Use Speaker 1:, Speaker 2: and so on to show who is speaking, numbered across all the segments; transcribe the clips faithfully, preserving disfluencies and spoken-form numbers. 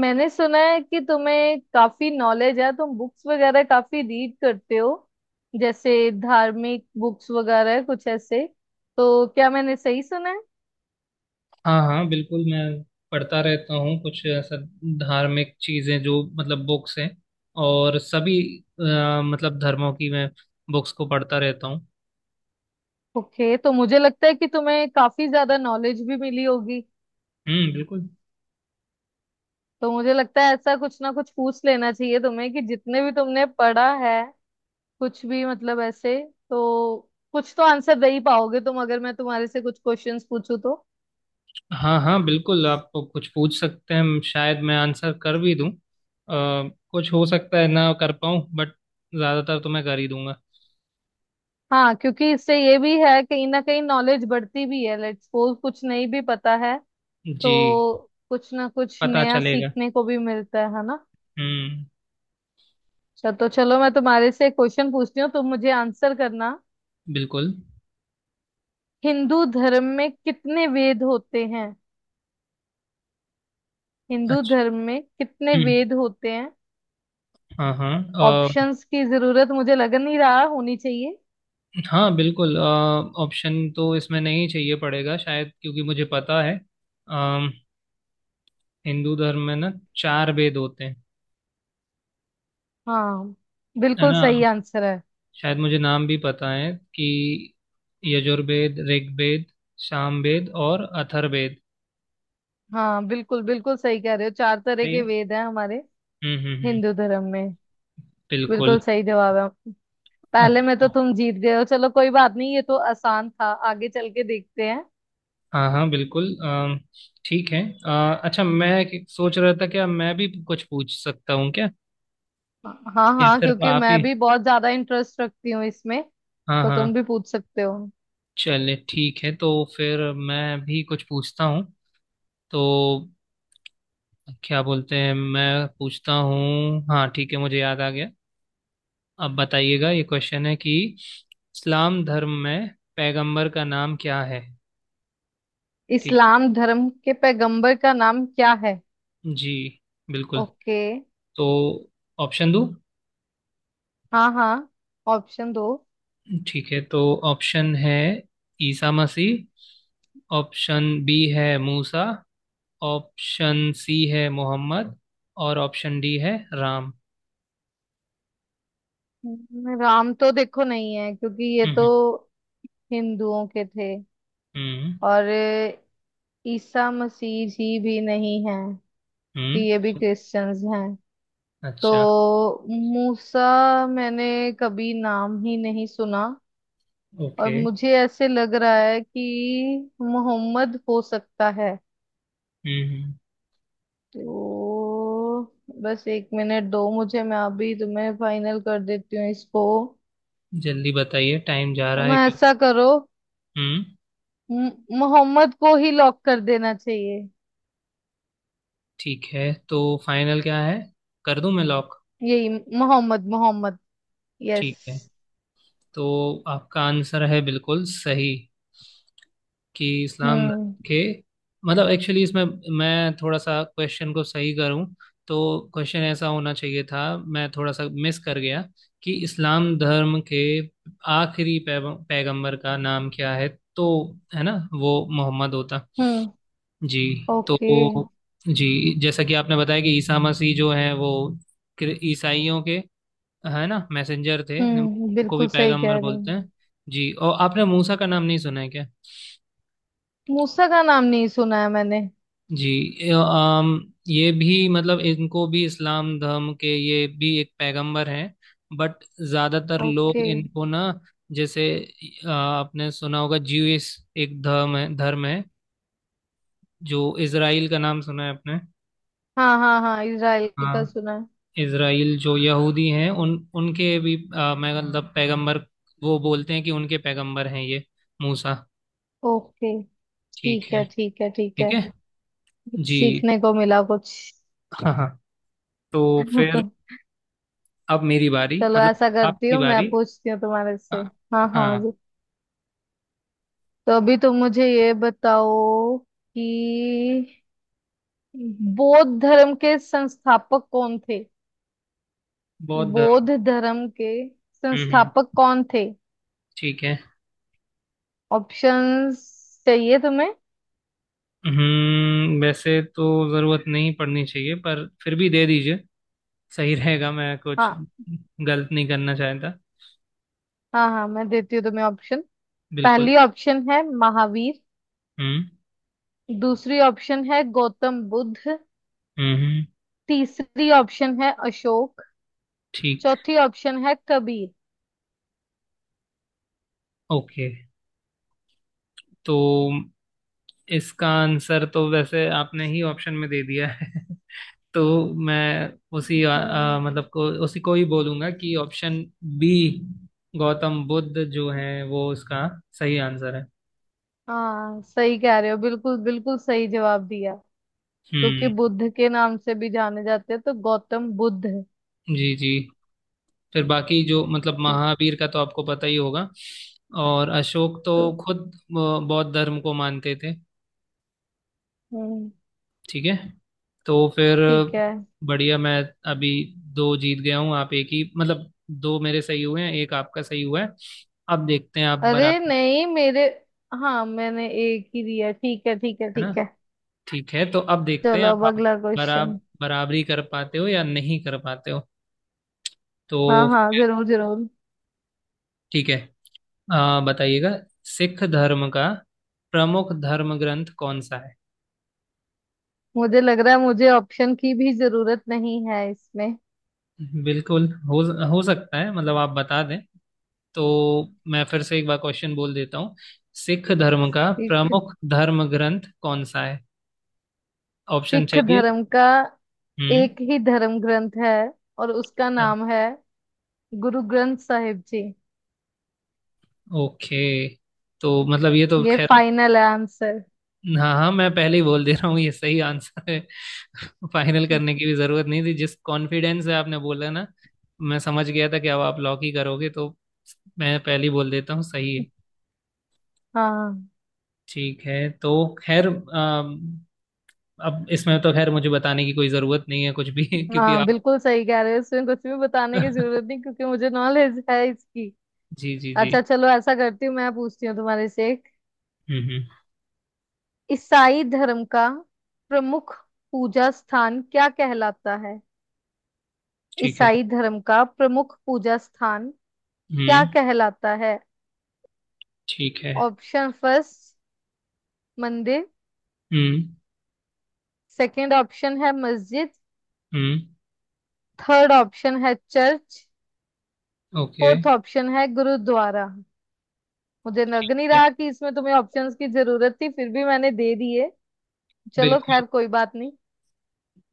Speaker 1: मैंने सुना है कि तुम्हें काफी नॉलेज है। तुम बुक्स वगैरह काफी रीड करते हो, जैसे धार्मिक बुक्स वगैरह कुछ ऐसे। तो क्या मैंने सही सुना है?
Speaker 2: हाँ हाँ बिल्कुल, मैं पढ़ता रहता हूँ। कुछ ऐसा धार्मिक चीजें जो मतलब बुक्स हैं, और सभी अ, मतलब धर्मों की मैं बुक्स को पढ़ता रहता हूँ।
Speaker 1: ओके, तो मुझे लगता है कि तुम्हें काफी ज्यादा नॉलेज भी मिली होगी।
Speaker 2: हम्म, बिल्कुल।
Speaker 1: तो मुझे लगता है ऐसा कुछ ना कुछ पूछ लेना चाहिए तुम्हें कि जितने भी तुमने पढ़ा है, कुछ भी मतलब ऐसे। तो कुछ तो आंसर दे ही पाओगे तुम अगर मैं तुम्हारे से कुछ क्वेश्चंस पूछूं तो।
Speaker 2: हाँ हाँ बिल्कुल, आप कुछ पूछ सकते हैं। शायद मैं आंसर कर भी दूँ, अ, कुछ हो सकता है ना कर पाऊँ, बट ज्यादातर तो मैं कर ही दूंगा।
Speaker 1: हाँ, क्योंकि इससे ये भी है कहीं ना कहीं नॉलेज बढ़ती भी है। लेट्स सपोज कुछ नहीं भी पता है, तो
Speaker 2: जी।
Speaker 1: कुछ ना कुछ
Speaker 2: पता
Speaker 1: नया
Speaker 2: चलेगा।
Speaker 1: सीखने को भी मिलता है है ना।
Speaker 2: हम्म।
Speaker 1: अच्छा, तो चलो मैं तुम्हारे से क्वेश्चन पूछती हूँ, तुम मुझे आंसर करना।
Speaker 2: बिल्कुल।
Speaker 1: हिंदू धर्म में कितने वेद होते हैं? हिंदू
Speaker 2: अच्छा।
Speaker 1: धर्म में कितने
Speaker 2: हम्म।
Speaker 1: वेद होते हैं?
Speaker 2: हाँ हाँ
Speaker 1: ऑप्शंस की जरूरत मुझे लग नहीं रहा होनी चाहिए।
Speaker 2: हाँ बिल्कुल, अ, ऑप्शन तो इसमें नहीं चाहिए पड़ेगा शायद, क्योंकि मुझे पता है। अम, हिंदू धर्म में ना चार वेद होते हैं।
Speaker 1: हाँ,
Speaker 2: है
Speaker 1: बिल्कुल
Speaker 2: ना?
Speaker 1: सही आंसर है।
Speaker 2: शायद मुझे नाम भी पता है कि यजुर्वेद, ऋग्वेद, सामवेद और अथर्ववेद।
Speaker 1: हाँ बिल्कुल, बिल्कुल सही कह रहे हो, चार तरह
Speaker 2: सही
Speaker 1: के
Speaker 2: है।
Speaker 1: वेद हैं हमारे
Speaker 2: हम्म हम्म हम्म।
Speaker 1: हिंदू धर्म में।
Speaker 2: बिल्कुल।
Speaker 1: बिल्कुल सही जवाब है। पहले में तो
Speaker 2: अच्छा।
Speaker 1: तुम जीत गए हो, चलो कोई बात नहीं, ये तो आसान था। आगे चल के देखते हैं।
Speaker 2: हाँ हाँ बिल्कुल, अम, ठीक है। अ, अच्छा, मैं एक- सोच रहा था क्या मैं भी कुछ पूछ सकता हूँ क्या,
Speaker 1: हाँ
Speaker 2: या
Speaker 1: हाँ,
Speaker 2: सिर्फ
Speaker 1: क्योंकि
Speaker 2: आप ही?
Speaker 1: मैं भी बहुत ज्यादा इंटरेस्ट रखती हूँ इसमें।
Speaker 2: हाँ
Speaker 1: तो
Speaker 2: हाँ।
Speaker 1: तुम भी पूछ सकते हो।
Speaker 2: चले ठीक है तो फिर मैं भी कुछ पूछता हूँ। तो क्या बोलते हैं, मैं पूछता हूँ। हाँ ठीक है, मुझे याद आ गया। अब बताइएगा, ये क्वेश्चन है कि इस्लाम धर्म में पैगंबर का नाम क्या है? ठीक
Speaker 1: इस्लाम धर्म के पैगंबर का नाम क्या है?
Speaker 2: है जी। बिल्कुल।
Speaker 1: ओके।
Speaker 2: तो ऑप्शन दो।
Speaker 1: हाँ हाँ, ऑप्शन दो।
Speaker 2: ठीक है तो ऑप्शन है ईसा मसीह, ऑप्शन बी है मूसा, ऑप्शन सी है मोहम्मद, और ऑप्शन डी है राम।
Speaker 1: हम्म, राम तो देखो नहीं है क्योंकि ये
Speaker 2: हम्म
Speaker 1: तो हिंदुओं के थे।
Speaker 2: हम्म
Speaker 1: और ईसा मसीह जी भी नहीं है
Speaker 2: हम्म।
Speaker 1: कि ये भी क्रिश्चियंस हैं। तो
Speaker 2: अच्छा।
Speaker 1: मूसा, मैंने कभी नाम ही नहीं सुना। और
Speaker 2: ओके।
Speaker 1: मुझे ऐसे लग रहा है कि मोहम्मद हो सकता है।
Speaker 2: हम्म।
Speaker 1: तो बस एक मिनट दो मुझे, मैं अभी तुम्हें फाइनल कर देती हूँ इसको।
Speaker 2: जल्दी बताइए, टाइम जा
Speaker 1: तो
Speaker 2: रहा है
Speaker 1: मैं
Speaker 2: क्यों।
Speaker 1: ऐसा करो,
Speaker 2: हम्म।
Speaker 1: म- मोहम्मद को ही लॉक कर देना चाहिए।
Speaker 2: ठीक है तो फाइनल क्या है? कर दूं मैं लॉक?
Speaker 1: यही, मोहम्मद। मोहम्मद, यस।
Speaker 2: ठीक है तो आपका आंसर है बिल्कुल सही। कि इस्लाम
Speaker 1: हम्म।
Speaker 2: धर्म के, मतलब एक्चुअली इसमें मैं थोड़ा सा क्वेश्चन को सही करूं तो क्वेश्चन ऐसा होना चाहिए था। मैं थोड़ा सा मिस कर गया। कि इस्लाम धर्म के आखिरी पैगं- पैगंबर का नाम क्या है? तो है ना, वो मोहम्मद होता
Speaker 1: हम्म।
Speaker 2: जी। तो
Speaker 1: ओके।
Speaker 2: जी, जैसा कि आपने बताया कि ईसा मसीह जो हैं वो क्रि- ईसाइयों के, है ना, मैसेंजर थे।
Speaker 1: हम्म,
Speaker 2: उनको भी
Speaker 1: बिल्कुल सही
Speaker 2: पैगंबर
Speaker 1: कह रहे
Speaker 2: बोलते
Speaker 1: हैं।
Speaker 2: हैं। जी, और आपने मूसा का नाम नहीं सुना है क्या?
Speaker 1: मूसा का नाम नहीं सुना है मैंने।
Speaker 2: जी, ये, अम, ये भी मतलब, इनको भी इस्लाम धर्म के ये भी एक पैगंबर हैं। बट ज़्यादातर लोग
Speaker 1: ओके।
Speaker 2: इनको ना, जैसे अ, आपने सुना होगा ज्यूइश एक धर्म है, धर्म है जो इजराइल का, नाम सुना है आपने?
Speaker 1: हाँ हाँ हाँ, इजराइल का
Speaker 2: हाँ,
Speaker 1: सुना है।
Speaker 2: इसराइल जो यहूदी हैं उन उनके भी, अ, मैं मतलब पैगंबर, वो बोलते हैं कि उनके पैगंबर हैं ये मूसा।
Speaker 1: ओके।
Speaker 2: ठीक
Speaker 1: ठीक
Speaker 2: है।
Speaker 1: है ठीक है ठीक
Speaker 2: ठीक
Speaker 1: है।
Speaker 2: है
Speaker 1: कुछ
Speaker 2: जी।
Speaker 1: सीखने को मिला कुछ।
Speaker 2: हाँ हाँ, तो फिर अब मेरी बारी,
Speaker 1: चलो
Speaker 2: मतलब
Speaker 1: ऐसा करती
Speaker 2: आपकी
Speaker 1: हूँ, मैं
Speaker 2: बारी।
Speaker 1: पूछती हूँ तुम्हारे से।
Speaker 2: हाँ
Speaker 1: हाँ हाँ
Speaker 2: हाँ।
Speaker 1: जी। तो अभी तुम मुझे ये बताओ कि बौद्ध धर्म के संस्थापक कौन थे?
Speaker 2: बौद्ध धर्म।
Speaker 1: बौद्ध धर्म के
Speaker 2: हम्म हम्म,
Speaker 1: संस्थापक कौन थे?
Speaker 2: ठीक है।
Speaker 1: ऑप्शंस चाहिए तुम्हें?
Speaker 2: हम्म, वैसे तो जरूरत नहीं पड़नी चाहिए, पर फिर भी दे दीजिए। सही रहेगा, मैं कुछ
Speaker 1: हाँ
Speaker 2: गलत नहीं करना चाहता।
Speaker 1: हाँ, हाँ मैं देती हूँ तुम्हें ऑप्शन।
Speaker 2: बिल्कुल।
Speaker 1: पहली ऑप्शन है महावीर।
Speaker 2: हम्म
Speaker 1: दूसरी ऑप्शन है गौतम बुद्ध।
Speaker 2: हम्म हम्म,
Speaker 1: तीसरी ऑप्शन है अशोक।
Speaker 2: ठीक।
Speaker 1: चौथी ऑप्शन है कबीर।
Speaker 2: ओके। तो इसका आंसर तो वैसे आपने ही ऑप्शन में दे दिया है तो मैं उसी अ,
Speaker 1: हम्म।
Speaker 2: अ, मतलब को उसी को ही बोलूंगा कि ऑप्शन बी गौतम बुद्ध जो है वो इसका सही आंसर है।
Speaker 1: हाँ सही कह रहे हो, बिल्कुल बिल्कुल सही जवाब दिया। क्योंकि
Speaker 2: हम्म।
Speaker 1: बुद्ध के नाम से भी जाने जाते हैं तो गौतम बुद्ध।
Speaker 2: जी जी, फिर बाकी जो मतलब
Speaker 1: ठीक।
Speaker 2: महावीर का तो आपको पता ही होगा। और अशोक तो
Speaker 1: तो
Speaker 2: खुद अ, बौद्ध धर्म को मानते थे।
Speaker 1: हम्म,
Speaker 2: ठीक है। तो फिर
Speaker 1: ठीक है।
Speaker 2: बढ़िया, मैं अभी दो जीत गया हूँ, आप एक ही, मतलब दो मेरे सही हुए हैं, एक आपका सही हुआ है। अब देखते हैं आप
Speaker 1: अरे
Speaker 2: बराबर,
Speaker 1: नहीं मेरे, हाँ मैंने एक ही दिया। ठीक है ठीक है
Speaker 2: है ना?
Speaker 1: ठीक है।
Speaker 2: ठीक है तो अब देखते हैं
Speaker 1: चलो
Speaker 2: आप,
Speaker 1: अब
Speaker 2: आप
Speaker 1: अगला
Speaker 2: बराबर
Speaker 1: क्वेश्चन।
Speaker 2: बराबरी कर पाते हो या नहीं कर पाते हो। तो
Speaker 1: हाँ हाँ, जरूर जरूर।
Speaker 2: ठीक है। आ, बताइएगा, सिख धर्म का प्रमुख धर्म ग्रंथ कौन सा है?
Speaker 1: मुझे लग रहा है मुझे ऑप्शन की भी जरूरत नहीं है इसमें।
Speaker 2: बिल्कुल हो हो सकता है मतलब आप बता दें। तो मैं फिर से एक बार क्वेश्चन बोल देता हूँ। सिख धर्म का प्रमुख धर्म ग्रंथ कौन सा है? ऑप्शन
Speaker 1: सिख
Speaker 2: चाहिए?
Speaker 1: धर्म का
Speaker 2: हम्म।
Speaker 1: एक ही धर्म ग्रंथ है, और उसका नाम है गुरु ग्रंथ साहिब जी।
Speaker 2: ओके। तो मतलब ये तो
Speaker 1: ये
Speaker 2: खैर,
Speaker 1: फाइनल है आंसर।
Speaker 2: हाँ हाँ, मैं पहले ही बोल दे रहा हूँ, ये सही आंसर है। फाइनल करने की भी जरूरत नहीं थी, जिस कॉन्फिडेंस से आपने बोला ना मैं समझ गया था कि अब आप लॉक ही करोगे। तो मैं पहले ही बोल देता हूँ, सही है।
Speaker 1: हाँ
Speaker 2: ठीक है तो खैर, अम, अब इसमें तो खैर मुझे बताने की कोई ज़रूरत नहीं है कुछ भी, क्योंकि
Speaker 1: हाँ,
Speaker 2: आप
Speaker 1: बिल्कुल सही कह रहे हो, इसमें कुछ भी बताने की जरूरत नहीं क्योंकि मुझे नॉलेज है इसकी।
Speaker 2: जी जी जी।
Speaker 1: अच्छा चलो ऐसा करती हूँ, मैं पूछती हूँ तुम्हारे से एक।
Speaker 2: हम्म हम्म।
Speaker 1: ईसाई धर्म का प्रमुख पूजा स्थान क्या कहलाता है?
Speaker 2: ठीक है।
Speaker 1: ईसाई धर्म का प्रमुख पूजा स्थान क्या
Speaker 2: हम्म।
Speaker 1: कहलाता है?
Speaker 2: ठीक है।
Speaker 1: ऑप्शन फर्स्ट मंदिर।
Speaker 2: हम्म
Speaker 1: सेकंड ऑप्शन है मस्जिद।
Speaker 2: हम्म।
Speaker 1: थर्ड ऑप्शन है चर्च।
Speaker 2: ओके।
Speaker 1: फोर्थ ऑप्शन है गुरुद्वारा। मुझे लग नहीं रहा कि इसमें तुम्हें ऑप्शंस की जरूरत थी, फिर भी मैंने दे दिए। चलो
Speaker 2: बिल्कुल।
Speaker 1: खैर कोई बात नहीं।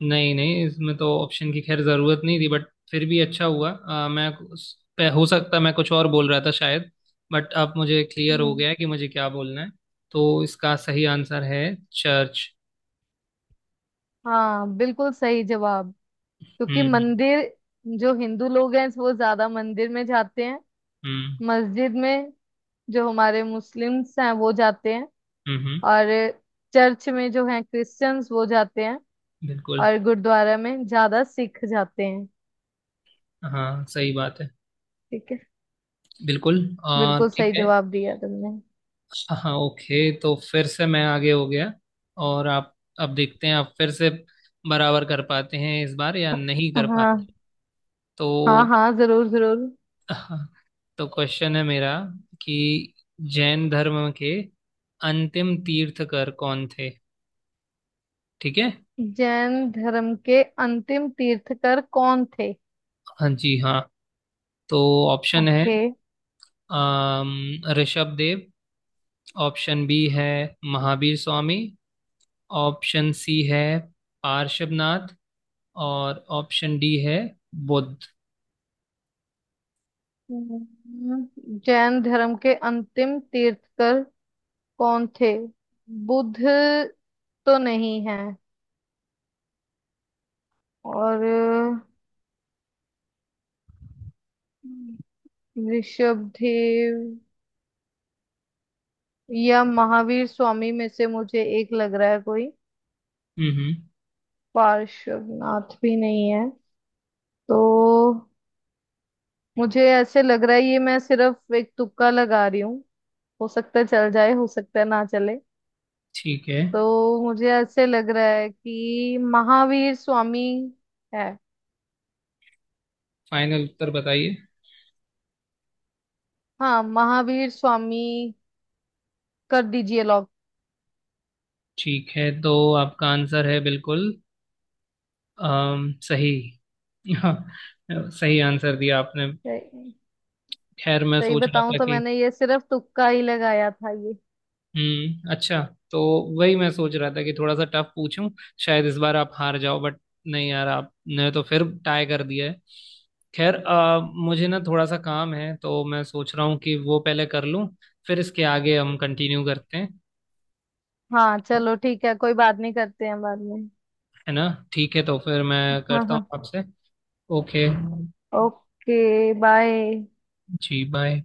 Speaker 2: नहीं नहीं, इसमें तो ऑप्शन की खैर ज़रूरत नहीं थी, बट फिर भी अच्छा हुआ। अ, मैं उस पे- हो सकता मैं कुछ और बोल रहा था शायद, बट अब मुझे क्लियर हो
Speaker 1: हम्म,
Speaker 2: गया है कि मुझे क्या बोलना है। तो इसका सही आंसर है चर्च।
Speaker 1: हाँ बिल्कुल सही जवाब। क्योंकि
Speaker 2: हम्म
Speaker 1: मंदिर जो हिंदू लोग हैं वो ज्यादा मंदिर में जाते हैं।
Speaker 2: हम्म
Speaker 1: मस्जिद में जो हमारे मुस्लिम्स हैं वो जाते हैं।
Speaker 2: हम्म हम्म,
Speaker 1: और चर्च में जो हैं क्रिश्चियंस वो जाते हैं।
Speaker 2: बिल्कुल।
Speaker 1: और गुरुद्वारा में ज्यादा सिख जाते हैं।
Speaker 2: हाँ, सही बात है।
Speaker 1: ठीक है।
Speaker 2: बिल्कुल। अ,
Speaker 1: बिल्कुल
Speaker 2: ठीक
Speaker 1: सही
Speaker 2: है।
Speaker 1: जवाब दिया तुमने।
Speaker 2: हाँ ओके, तो फिर से मैं आगे हो गया और आप, अब देखते हैं आप फिर से बराबर कर पाते हैं इस बार या नहीं कर पाते।
Speaker 1: हाँ हाँ।
Speaker 2: तो
Speaker 1: हाँ जरूर जरूर।
Speaker 2: हाँ, तो क्वेश्चन है मेरा कि जैन धर्म के अंतिम तीर्थकर कौन थे? ठीक है।
Speaker 1: जैन धर्म के अंतिम तीर्थकर कौन थे?
Speaker 2: हाँ जी हाँ। तो ऑप्शन है
Speaker 1: ओके।
Speaker 2: अम, ऋषभ देव, ऑप्शन बी है महावीर स्वामी, ऑप्शन सी है पार्श्वनाथ, और ऑप्शन डी है बुद्ध।
Speaker 1: हम्म, जैन धर्म के अंतिम तीर्थकर कौन थे? बुद्ध तो नहीं है। और ऋषभदेव या महावीर स्वामी में से मुझे एक लग रहा है कोई।
Speaker 2: हम्म हम्म।
Speaker 1: पार्श्वनाथ भी नहीं है। तो मुझे ऐसे लग रहा है, ये मैं सिर्फ एक तुक्का लगा रही हूँ। हो सकता है चल जाए, हो सकता है ना चले।
Speaker 2: ठीक है।
Speaker 1: तो मुझे ऐसे लग रहा है कि महावीर स्वामी है।
Speaker 2: फाइनल उत्तर बताइए।
Speaker 1: हाँ महावीर स्वामी, कर दीजिए लॉक।
Speaker 2: ठीक है तो आपका आंसर है बिल्कुल अम, सही। हाँ, सही आंसर दिया आपने।
Speaker 1: सही।
Speaker 2: खैर, मैं
Speaker 1: सही
Speaker 2: सोच रहा
Speaker 1: बताऊं
Speaker 2: था
Speaker 1: तो
Speaker 2: कि,
Speaker 1: मैंने ये सिर्फ तुक्का ही लगाया था ये।
Speaker 2: हम्म अच्छा। तो वही मैं सोच रहा था कि थोड़ा सा टफ पूछूं, शायद इस बार आप हार जाओ, बट नहीं यार, आपने तो फिर टाई कर दिया है। खैर अ, मुझे ना थोड़ा सा काम है, तो मैं सोच रहा हूँ कि वो पहले कर लूं, फिर इसके आगे हम कंटिन्यू करते हैं।
Speaker 1: हाँ चलो ठीक है, कोई बात नहीं, करते हैं बाद में।
Speaker 2: है ना? ठीक है तो फिर मैं
Speaker 1: हाँ
Speaker 2: करता हूँ
Speaker 1: हाँ।
Speaker 2: आपसे। ओके।
Speaker 1: Okay bye.
Speaker 2: जी बाय।